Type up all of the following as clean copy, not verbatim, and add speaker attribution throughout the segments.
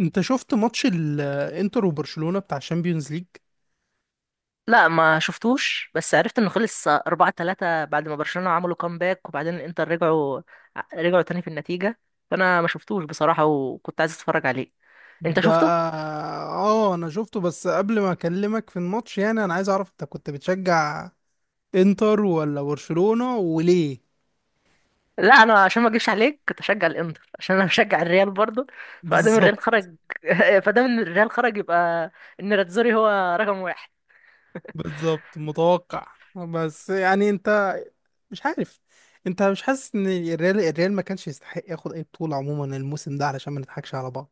Speaker 1: انت شفت ماتش الانتر وبرشلونة بتاع الشامبيونز ليج؟
Speaker 2: لا ما شفتوش، بس عرفت انه خلص 4-3 بعد ما برشلونة عملوا كامباك، وبعدين الانتر رجعوا تاني في النتيجة. فانا ما شفتوش بصراحة، وكنت عايز اتفرج عليه. انت
Speaker 1: ده.
Speaker 2: شفته؟
Speaker 1: اه، انا شفته بس قبل ما اكلمك في الماتش، يعني انا عايز اعرف انت كنت بتشجع انتر ولا برشلونة وليه؟
Speaker 2: لا، انا عشان ما اجيبش عليك كنت اشجع الانتر، عشان انا بشجع الريال برضه. فادام
Speaker 1: بالظبط.
Speaker 2: الريال خرج فادام ان الريال خرج يبقى ان راتزوري هو رقم واحد.
Speaker 1: بالظبط، متوقع. بس يعني انت مش عارف، انت مش حاسس ان الريال ما كانش يستحق ياخد اي بطولة عموما الموسم ده علشان ما نضحكش على بعض؟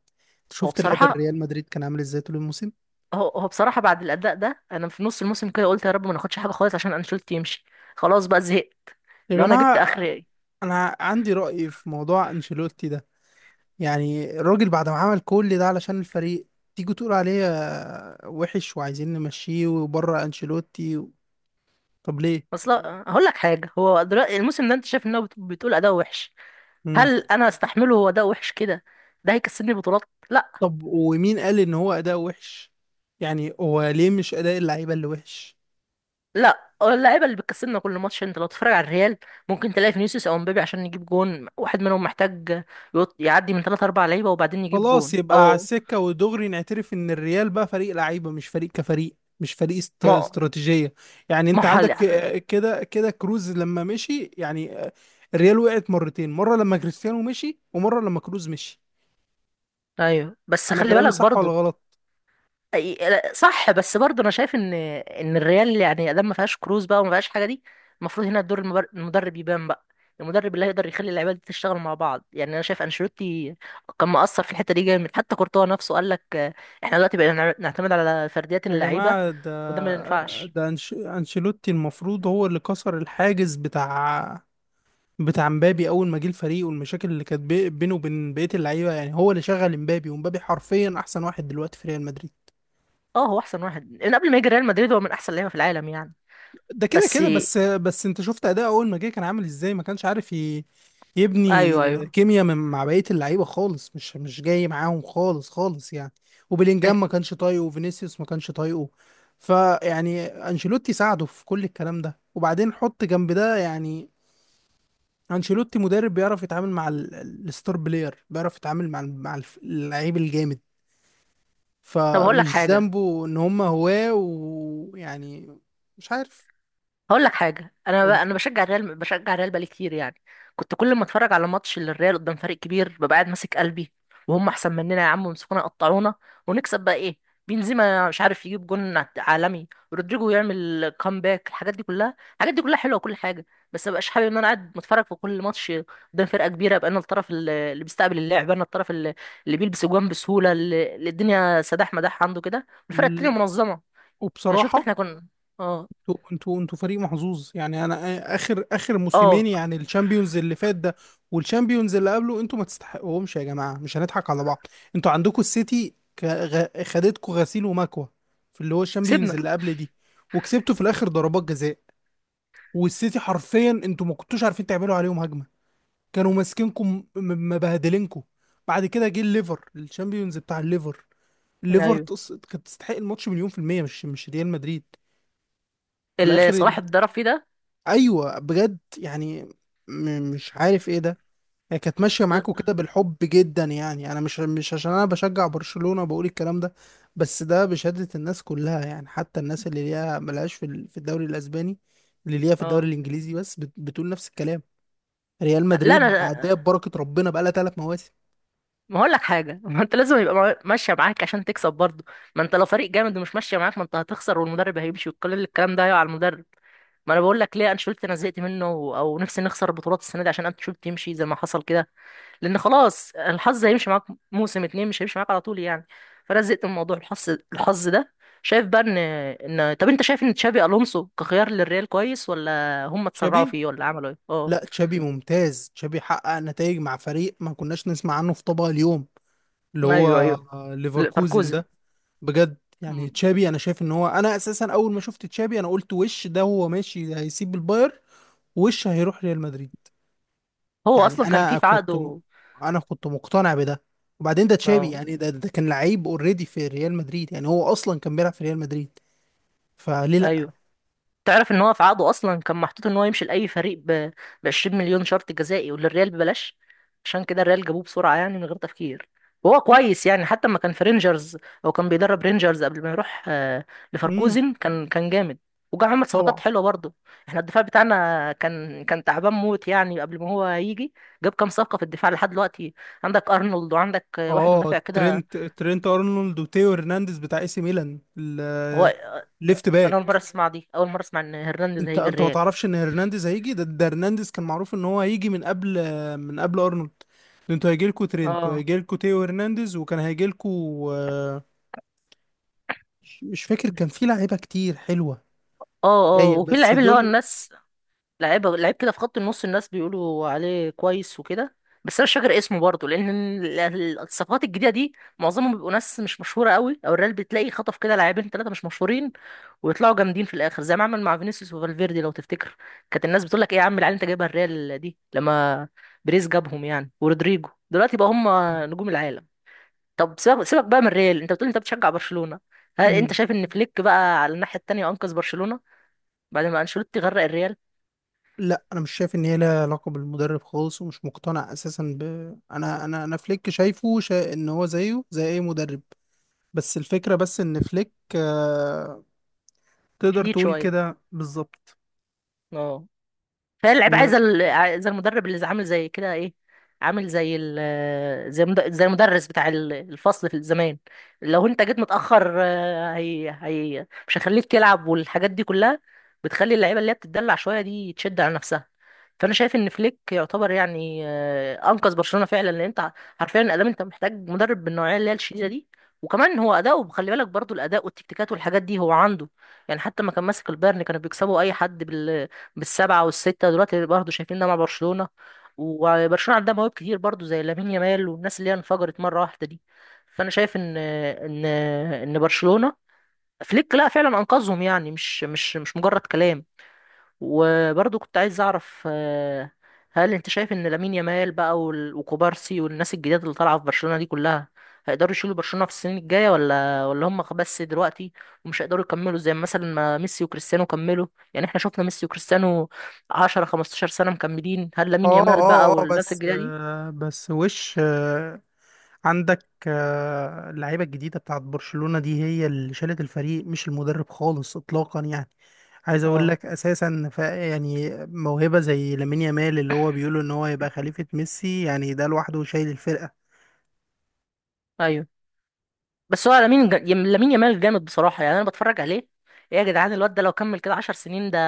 Speaker 2: هو
Speaker 1: شفت لعب
Speaker 2: بصراحة
Speaker 1: الريال مدريد كان عامل ازاي طول الموسم؟
Speaker 2: هو بصراحة، بعد الاداء ده انا في نص الموسم كده قلت يا رب ما ناخدش حاجة خالص عشان انشيلوتي يمشي. خلاص بقى، زهقت.
Speaker 1: يا
Speaker 2: لو انا جبت
Speaker 1: جماعة،
Speaker 2: اخر،
Speaker 1: انا عندي رأي في موضوع انشيلوتي ده. يعني الراجل بعد ما عمل كل ده علشان الفريق، تيجي تقول عليه وحش وعايزين نمشيه وبره انشيلوتي و... طب ليه؟
Speaker 2: اصل هقول لك حاجه، هو دلوقتي الموسم ده انت شايف ان هو بتقول اداء وحش؟
Speaker 1: مم.
Speaker 2: هل انا استحمله هو اداء وحش كده؟ ده هيكسبني بطولات؟ لا.
Speaker 1: طب ومين قال ان هو اداء وحش؟ يعني هو ليه مش اداء اللعيبه اللي وحش؟
Speaker 2: لا، اللعيبه اللي بتكسبنا كل ماتش. انت لو تتفرج على الريال، ممكن تلاقي فينيسيوس او مبابي عشان يجيب جون، واحد منهم محتاج يعدي من 3 4 لعيبه وبعدين يجيب
Speaker 1: خلاص،
Speaker 2: جون،
Speaker 1: يبقى على
Speaker 2: او
Speaker 1: السكه ودغري نعترف ان الريال بقى فريق لعيبه، مش فريق كفريق، مش فريق
Speaker 2: ما
Speaker 1: استراتيجيه. يعني
Speaker 2: ما
Speaker 1: انت
Speaker 2: هو
Speaker 1: عندك
Speaker 2: حل.
Speaker 1: كده كده كروز لما مشي، يعني الريال وقعت مرتين، مره لما كريستيانو مشي ومره لما كروز مشي.
Speaker 2: ايوه، بس
Speaker 1: انا
Speaker 2: خلي
Speaker 1: كلامي
Speaker 2: بالك
Speaker 1: صح ولا
Speaker 2: برضه.
Speaker 1: غلط؟
Speaker 2: صح، بس برضه انا شايف ان الريال يعني ادام ما فيهاش كروز بقى وما فيهاش حاجه دي، المفروض هنا دور المدرب يبان بقى. المدرب اللي هيقدر يخلي اللعيبه دي تشتغل مع بعض. يعني انا شايف انشيلوتي كان مقصر في الحته دي جامد، حتى كورتوا نفسه قال لك احنا دلوقتي بقينا نعتمد على فرديات
Speaker 1: يا
Speaker 2: اللعيبه،
Speaker 1: جماعة
Speaker 2: وده ما
Speaker 1: ده.
Speaker 2: ينفعش.
Speaker 1: ده أنشيلوتي المفروض هو اللي كسر الحاجز بتاع مبابي أول ما جه الفريق، والمشاكل اللي كانت بينه وبين بقية اللعيبة، يعني هو اللي شغل مبابي، ومبابي حرفيا أحسن واحد دلوقتي في ريال مدريد.
Speaker 2: اه، هو احسن واحد من قبل ما يجي ريال مدريد، هو من احسن لعيبه في العالم يعني.
Speaker 1: ده كده
Speaker 2: بس
Speaker 1: كده، بس انت شفت اداء اول ما جه كان عامل ازاي، ما كانش عارف
Speaker 2: ايوه،
Speaker 1: يبني
Speaker 2: ايوه.
Speaker 1: كيمياء من مع بقيه اللعيبه خالص، مش جاي معاهم خالص خالص يعني. وبيلينجهام ما
Speaker 2: أنت-
Speaker 1: كانش طايقه، وفينيسيوس ما كانش طايقه. فيعني انشيلوتي ساعده في كل الكلام ده، وبعدين حط جنب ده يعني. انشيلوتي مدرب بيعرف يتعامل مع الستار بلاير، بيعرف يتعامل مع اللعيب الجامد.
Speaker 2: طب هقول لك
Speaker 1: فمش
Speaker 2: حاجه.
Speaker 1: ذنبه ان هم هواه، ويعني مش عارف.
Speaker 2: انا بشجع الريال، بقالي كتير يعني. كنت كل ما اتفرج على ماتش للريال قدام فريق كبير ببقى قاعد ماسك قلبي، وهم احسن مننا يا عم، ويمسكونا يقطعونا، ونكسب بقى ايه؟ بنزيما مش عارف يجيب جون عالمي، رودريجو يعمل كامباك. الحاجات دي كلها حلوه وكل حاجه، بس مبقاش حابب ان انا قاعد بتفرج في كل ماتش قدام فرقه كبيره ابقى انا الطرف اللي بيستقبل اللعب، انا الطرف اللي بيلبس جوان بسهوله، اللي الدنيا سداح مداح عنده كده، الفرقه التانيه
Speaker 1: قول.
Speaker 2: منظمه. يعني شفت
Speaker 1: وبصراحة
Speaker 2: احنا كنا؟ اه،
Speaker 1: انتوا فريق محظوظ، يعني انا اخر اخر موسمين،
Speaker 2: اه،
Speaker 1: يعني الشامبيونز اللي فات ده والشامبيونز اللي قبله، انتوا ما تستحقوهمش يا جماعة، مش هنضحك على بعض. انتوا عندكم السيتي خدتكوا غسيل ومكوى في اللي هو الشامبيونز
Speaker 2: كسبنا.
Speaker 1: اللي قبل دي، وكسبتوا في الاخر ضربات جزاء. والسيتي حرفيا انتوا ما كنتوش عارفين تعملوا عليهم هجمة، كانوا ماسكينكم مبهدلينكم. بعد كده جه الليفر، الشامبيونز بتاع الليفر. الليفر
Speaker 2: ايوه،
Speaker 1: كانت تستحق الماتش مليون في المية، مش ريال مدريد، في
Speaker 2: اللي
Speaker 1: الاخر.
Speaker 2: صلاح اتضرب فيه ده.
Speaker 1: ايوه، بجد يعني. مش عارف ايه ده. هي كانت ماشيه معاكوا كده بالحب جدا، يعني انا، مش عشان انا بشجع برشلونه بقول الكلام ده، بس ده بشهاده الناس كلها يعني، حتى الناس اللي ليها ملهاش في في الدوري الاسباني، اللي ليها في الدوري
Speaker 2: اه.
Speaker 1: الانجليزي بس بتقول نفس الكلام. ريال
Speaker 2: لا
Speaker 1: مدريد
Speaker 2: انا،
Speaker 1: عداها ببركه ربنا بقالها 3 مواسم.
Speaker 2: ما هقول لك حاجه ما انت لازم يبقى ماشيه معاك عشان تكسب برضه. ما انت لو فريق جامد ومش ماشيه معاك، ما انت هتخسر، والمدرب هيمشي، وكل الكلام ده هيقع على المدرب. ما انا بقول لك ليه انشيلوتي انا زهقت منه، او نفسي نخسر البطولات السنه دي عشان انشيلوتي يمشي زي ما حصل كده. لان خلاص الحظ هيمشي معاك موسم اتنين، مش هيمشي معاك على طول يعني. فانا زهقت من موضوع الحظ ده. شايف بقى ان، طب انت شايف ان تشافي الونسو كخيار للريال كويس، ولا هم اتسرعوا
Speaker 1: شبيه.
Speaker 2: فيه، ولا عملوا ايه؟ اه.
Speaker 1: لا، تشابي ممتاز. تشابي حقق نتائج مع فريق ما كناش نسمع عنه في طبق اليوم، اللي هو
Speaker 2: ايوه، ايوه. ل-
Speaker 1: ليفركوزن
Speaker 2: فاركوزن
Speaker 1: ده. بجد يعني
Speaker 2: مم.
Speaker 1: تشابي، انا شايف ان هو، انا اساسا اول ما شفت تشابي انا قلت وش ده؟ هو ماشي هيسيب الباير وش هيروح ريال مدريد؟
Speaker 2: هو
Speaker 1: يعني
Speaker 2: اصلا كان في
Speaker 1: انا
Speaker 2: في
Speaker 1: كنت
Speaker 2: عقده.
Speaker 1: انا كنت مقتنع بده. وبعدين ده تشابي
Speaker 2: اه،
Speaker 1: يعني، ده كان لعيب اوريدي في ريال مدريد، يعني هو اصلا كان بيلعب في ريال مدريد، فليه لا؟
Speaker 2: ايوه. تعرف ان هو في عقده اصلا كان محطوط ان هو يمشي لاي فريق ب، 20 مليون شرط جزائي، وللريال ببلاش. عشان كده الريال جابوه بسرعه يعني من غير تفكير. وهو كويس يعني، حتى لما كان في رينجرز، او كان بيدرب رينجرز قبل ما يروح
Speaker 1: امم
Speaker 2: لفاركوزن، كان جامد، وجا عمل
Speaker 1: طبعا.
Speaker 2: صفقات حلوه برضه. احنا الدفاع بتاعنا كان تعبان موت يعني قبل ما هو يجي. جاب كام صفقه في الدفاع لحد دلوقتي، عندك ارنولد، وعندك واحد
Speaker 1: اه،
Speaker 2: مدافع كده.
Speaker 1: ترينت ارنولد وتيو هرنانديز بتاع AC ميلان،
Speaker 2: هو
Speaker 1: ليفت
Speaker 2: انا
Speaker 1: باك.
Speaker 2: اول مره اسمع ان هرنانديز
Speaker 1: انت
Speaker 2: هيجي
Speaker 1: انت ما
Speaker 2: الريال.
Speaker 1: تعرفش ان هرنانديز هيجي؟ ده هرنانديز كان معروف ان هو هيجي من قبل، من قبل ارنولد. ده انتوا هيجي لكم ترينت
Speaker 2: اه،
Speaker 1: وهيجي لكم تيو هرنانديز، وكان هيجي لكم. مش فاكر، كان في لعيبه كتير حلوه.
Speaker 2: اه، اه.
Speaker 1: هي
Speaker 2: وفي
Speaker 1: بس
Speaker 2: اللعيب اللي هو
Speaker 1: دول.
Speaker 2: الناس، لعيب لعيب كده في خط النص، الناس بيقولوا عليه كويس وكده، بس انا مش فاكر اسمه برضه، لان الصفقات الجديده دي معظمهم بيبقوا ناس مش مشهوره قوي، او الريال بتلاقي خطف كده لاعبين ثلاثه مش مشهورين، ويطلعوا جامدين في الاخر زي ما عمل مع فينيسيوس وفالفيردي لو تفتكر. كانت الناس بتقول لك ايه يا عم العيال انت جايبها الريال دي، لما بريز جابهم يعني، ورودريجو، دلوقتي بقى هم نجوم العالم. طب سيبك سيبك بقى من ريال. انت بتقول انت بتشجع برشلونة، هل انت
Speaker 1: مم.
Speaker 2: شايف ان فليك بقى على الناحية التانية انقذ برشلونة بعد ما انشيلوتي غرق الريال؟
Speaker 1: لا، انا مش شايف ان هي لها علاقه بالمدرب خالص، ومش مقتنع اساسا ب انا فليك شايفه ان هو زيه زي اي مدرب. بس الفكره، بس ان فليك تقدر
Speaker 2: شديد
Speaker 1: تقول
Speaker 2: شوية،
Speaker 1: كده بالظبط.
Speaker 2: اه. فهي اللعيبه عايزه عايزه المدرب اللي عامل زي كده ايه، عامل زي زي المدرس بتاع الفصل في الزمان. لو انت جيت متاخر هي مش هيخليك تلعب، والحاجات دي كلها بتخلي اللعيبه اللي هي بتتدلع شويه دي تشد على نفسها. فانا شايف ان فليك يعتبر يعني، انقذ برشلونه فعلا، لان انت حرفيا الادام انت محتاج مدرب بالنوعيه اللي هي الشديده دي. وكمان هو اداؤه، خلي بالك برضو الاداء والتكتيكات والحاجات دي هو عنده، يعني حتى ما كان ماسك البايرن كانوا بيكسبوا اي حد بالسبعة والستة، دلوقتي برضه شايفيننا مع برشلونة. وبرشلونة عندها مواهب كتير برضه زي لامين يامال والناس اللي هي انفجرت مرة واحدة دي. فأنا شايف إن برشلونة، فليك لا، فعلا أنقذهم يعني، مش مجرد كلام. وبرضو كنت عايز اعرف، هل انت شايف ان لامين يامال بقى وكوبارسي والناس الجديده اللي طالعه في برشلونه دي كلها هيقدروا يشيلوا برشلونه في السنين الجايه، ولا هم بس دلوقتي ومش هيقدروا يكملوا زي مثلا ما ميسي وكريستيانو كملوا؟ يعني احنا شفنا ميسي وكريستيانو 10 15 سنه مكملين، هل لامين
Speaker 1: اه
Speaker 2: يامال
Speaker 1: اه
Speaker 2: بقى
Speaker 1: اه،
Speaker 2: والناس
Speaker 1: بس
Speaker 2: الجديده دي؟
Speaker 1: بس وش عندك اللعيبه الجديده بتاعت برشلونه دي هي اللي شالت الفريق، مش المدرب خالص اطلاقا يعني. عايز اقول
Speaker 2: اه،
Speaker 1: لك اساسا يعني موهبه زي لامين يامال، اللي هو بيقولوا ان هو يبقى خليفه ميسي، يعني ده لوحده شايل الفرقه.
Speaker 2: ايوه. بس هو لامين يامال جامد بصراحة يعني. أنا بتفرج عليه، إيه يا جدعان الواد ده؟ لو كمل كده 10 سنين، ده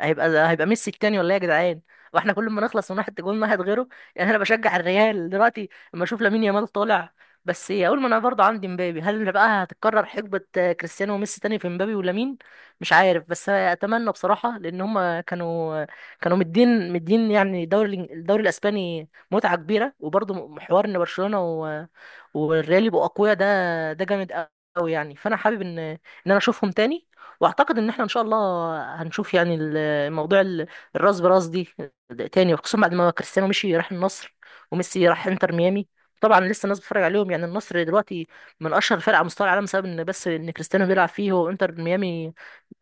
Speaker 2: هيبقى ميسي التاني، ولا إيه يا جدعان؟ واحنا كل ما نخلص من واحد، جول واحد غيره. يعني أنا بشجع الريال دلوقتي لما أشوف لامين يامال طالع. بس إيه، أقول، ما أنا برضه عندي مبابي، هل بقى هتتكرر حقبة كريستيانو وميسي تاني في مبابي ولامين؟ مش عارف، بس أتمنى بصراحة، لأن هما كانوا، مدين مدين يعني الدوري الإسباني متعة كبيرة. وبرضه حوار إن برشلونة والريال يبقوا اقوياء، ده ده جامد قوي يعني. فانا حابب ان، انا اشوفهم تاني، واعتقد ان احنا ان شاء الله هنشوف يعني الموضوع الراس براس دي تاني، وخصوصا بعد ما كريستيانو مشي راح النصر، وميسي راح انتر ميامي. طبعا لسه الناس بتتفرج عليهم، يعني النصر دلوقتي من اشهر فرق على مستوى العالم بسبب ان كريستيانو بيلعب فيه، وانتر ميامي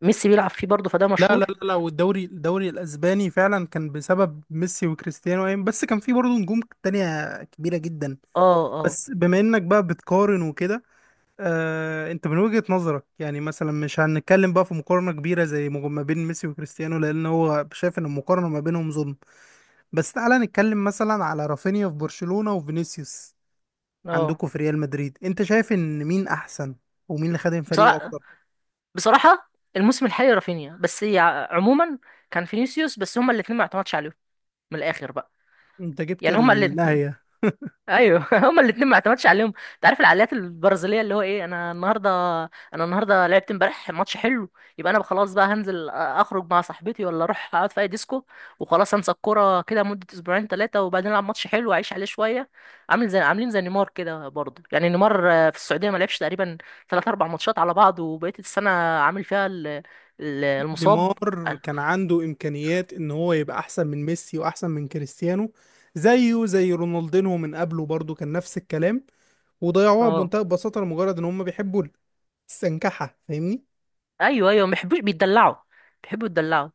Speaker 2: ميسي بيلعب فيه برضه، فده
Speaker 1: لا لا
Speaker 2: مشهور.
Speaker 1: لا لا، والدوري الدوري الاسباني فعلا كان بسبب ميسي وكريستيانو، بس كان في برضه نجوم تانية كبيره جدا،
Speaker 2: اه، اه،
Speaker 1: بس بما انك بقى بتقارن وكده. انت من وجهة نظرك يعني، مثلا مش هنتكلم بقى في مقارنة كبيرة زي ما بين ميسي وكريستيانو لان هو شايف ان المقارنة ما بينهم ظلم، بس تعالى نتكلم مثلا على رافينيا في برشلونة وفينيسيوس
Speaker 2: اه.
Speaker 1: عندكم في ريال مدريد. انت شايف ان مين احسن؟ ومين اللي خدم فريقه
Speaker 2: بصراحه،
Speaker 1: اكتر؟
Speaker 2: الموسم الحالي رافينيا، بس عموما كان فينيسيوس. بس هما الاثنين ما اعتمدش عليهم، من الاخر بقى،
Speaker 1: انت جبت
Speaker 2: يعني هما الاتنين،
Speaker 1: النهاية.
Speaker 2: ايوه هما الاتنين ما اعتمدش عليهم. انت عارف العقليات البرازيليه، اللي هو ايه، انا النهارده، لعبت امبارح ماتش حلو، يبقى انا خلاص بقى هنزل اخرج مع صاحبتي، ولا اروح اقعد في اي ديسكو، وخلاص انسى الكوره كده مده اسبوعين ثلاثه، وبعدين العب ماتش حلو واعيش عليه شويه. عاملين زي نيمار كده برضه، يعني نيمار في السعوديه ما لعبش تقريبا ثلاث اربع ماتشات على بعض، وبقيه السنه عامل فيها المصاب.
Speaker 1: نيمار كان عنده امكانيات ان هو يبقى احسن من ميسي واحسن من كريستيانو، زيه زي رونالدينو من قبله، برضه كان نفس الكلام. وضيعوها
Speaker 2: اه،
Speaker 1: بمنتهى البساطة لمجرد ان هم بيحبوا استنكحها، فاهمني؟
Speaker 2: ايوه، ايوه، ما بيحبوش، بيتدلعوا، بيحبوا يتدلعوا.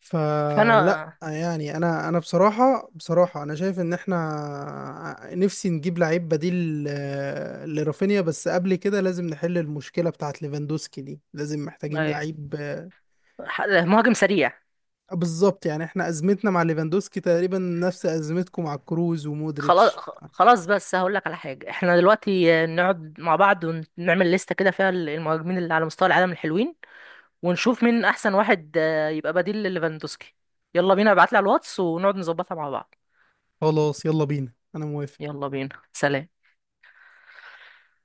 Speaker 1: فلا،
Speaker 2: فانا،
Speaker 1: يعني انا بصراحه بصراحه، انا شايف ان احنا نفسي نجيب لعيب بديل لرافينيا. بس قبل كده لازم نحل المشكله بتاعت ليفاندوسكي دي، لازم محتاجين
Speaker 2: أيوة،
Speaker 1: لعيب
Speaker 2: مهاجم سريع.
Speaker 1: بالظبط، يعني احنا ازمتنا مع ليفاندوسكي تقريبا نفس ازمتكم مع كروز
Speaker 2: خلاص
Speaker 1: ومودريتش.
Speaker 2: خلاص، بس هقول لك على حاجه، احنا دلوقتي نقعد مع بعض ونعمل لستة كده فيها المهاجمين اللي على مستوى العالم الحلوين، ونشوف مين احسن واحد يبقى بديل لليفاندوسكي. يلا بينا، ابعت لي على الواتس ونقعد نظبطها مع بعض.
Speaker 1: خلاص، يلا بينا انا موافق.
Speaker 2: يلا بينا، سلام.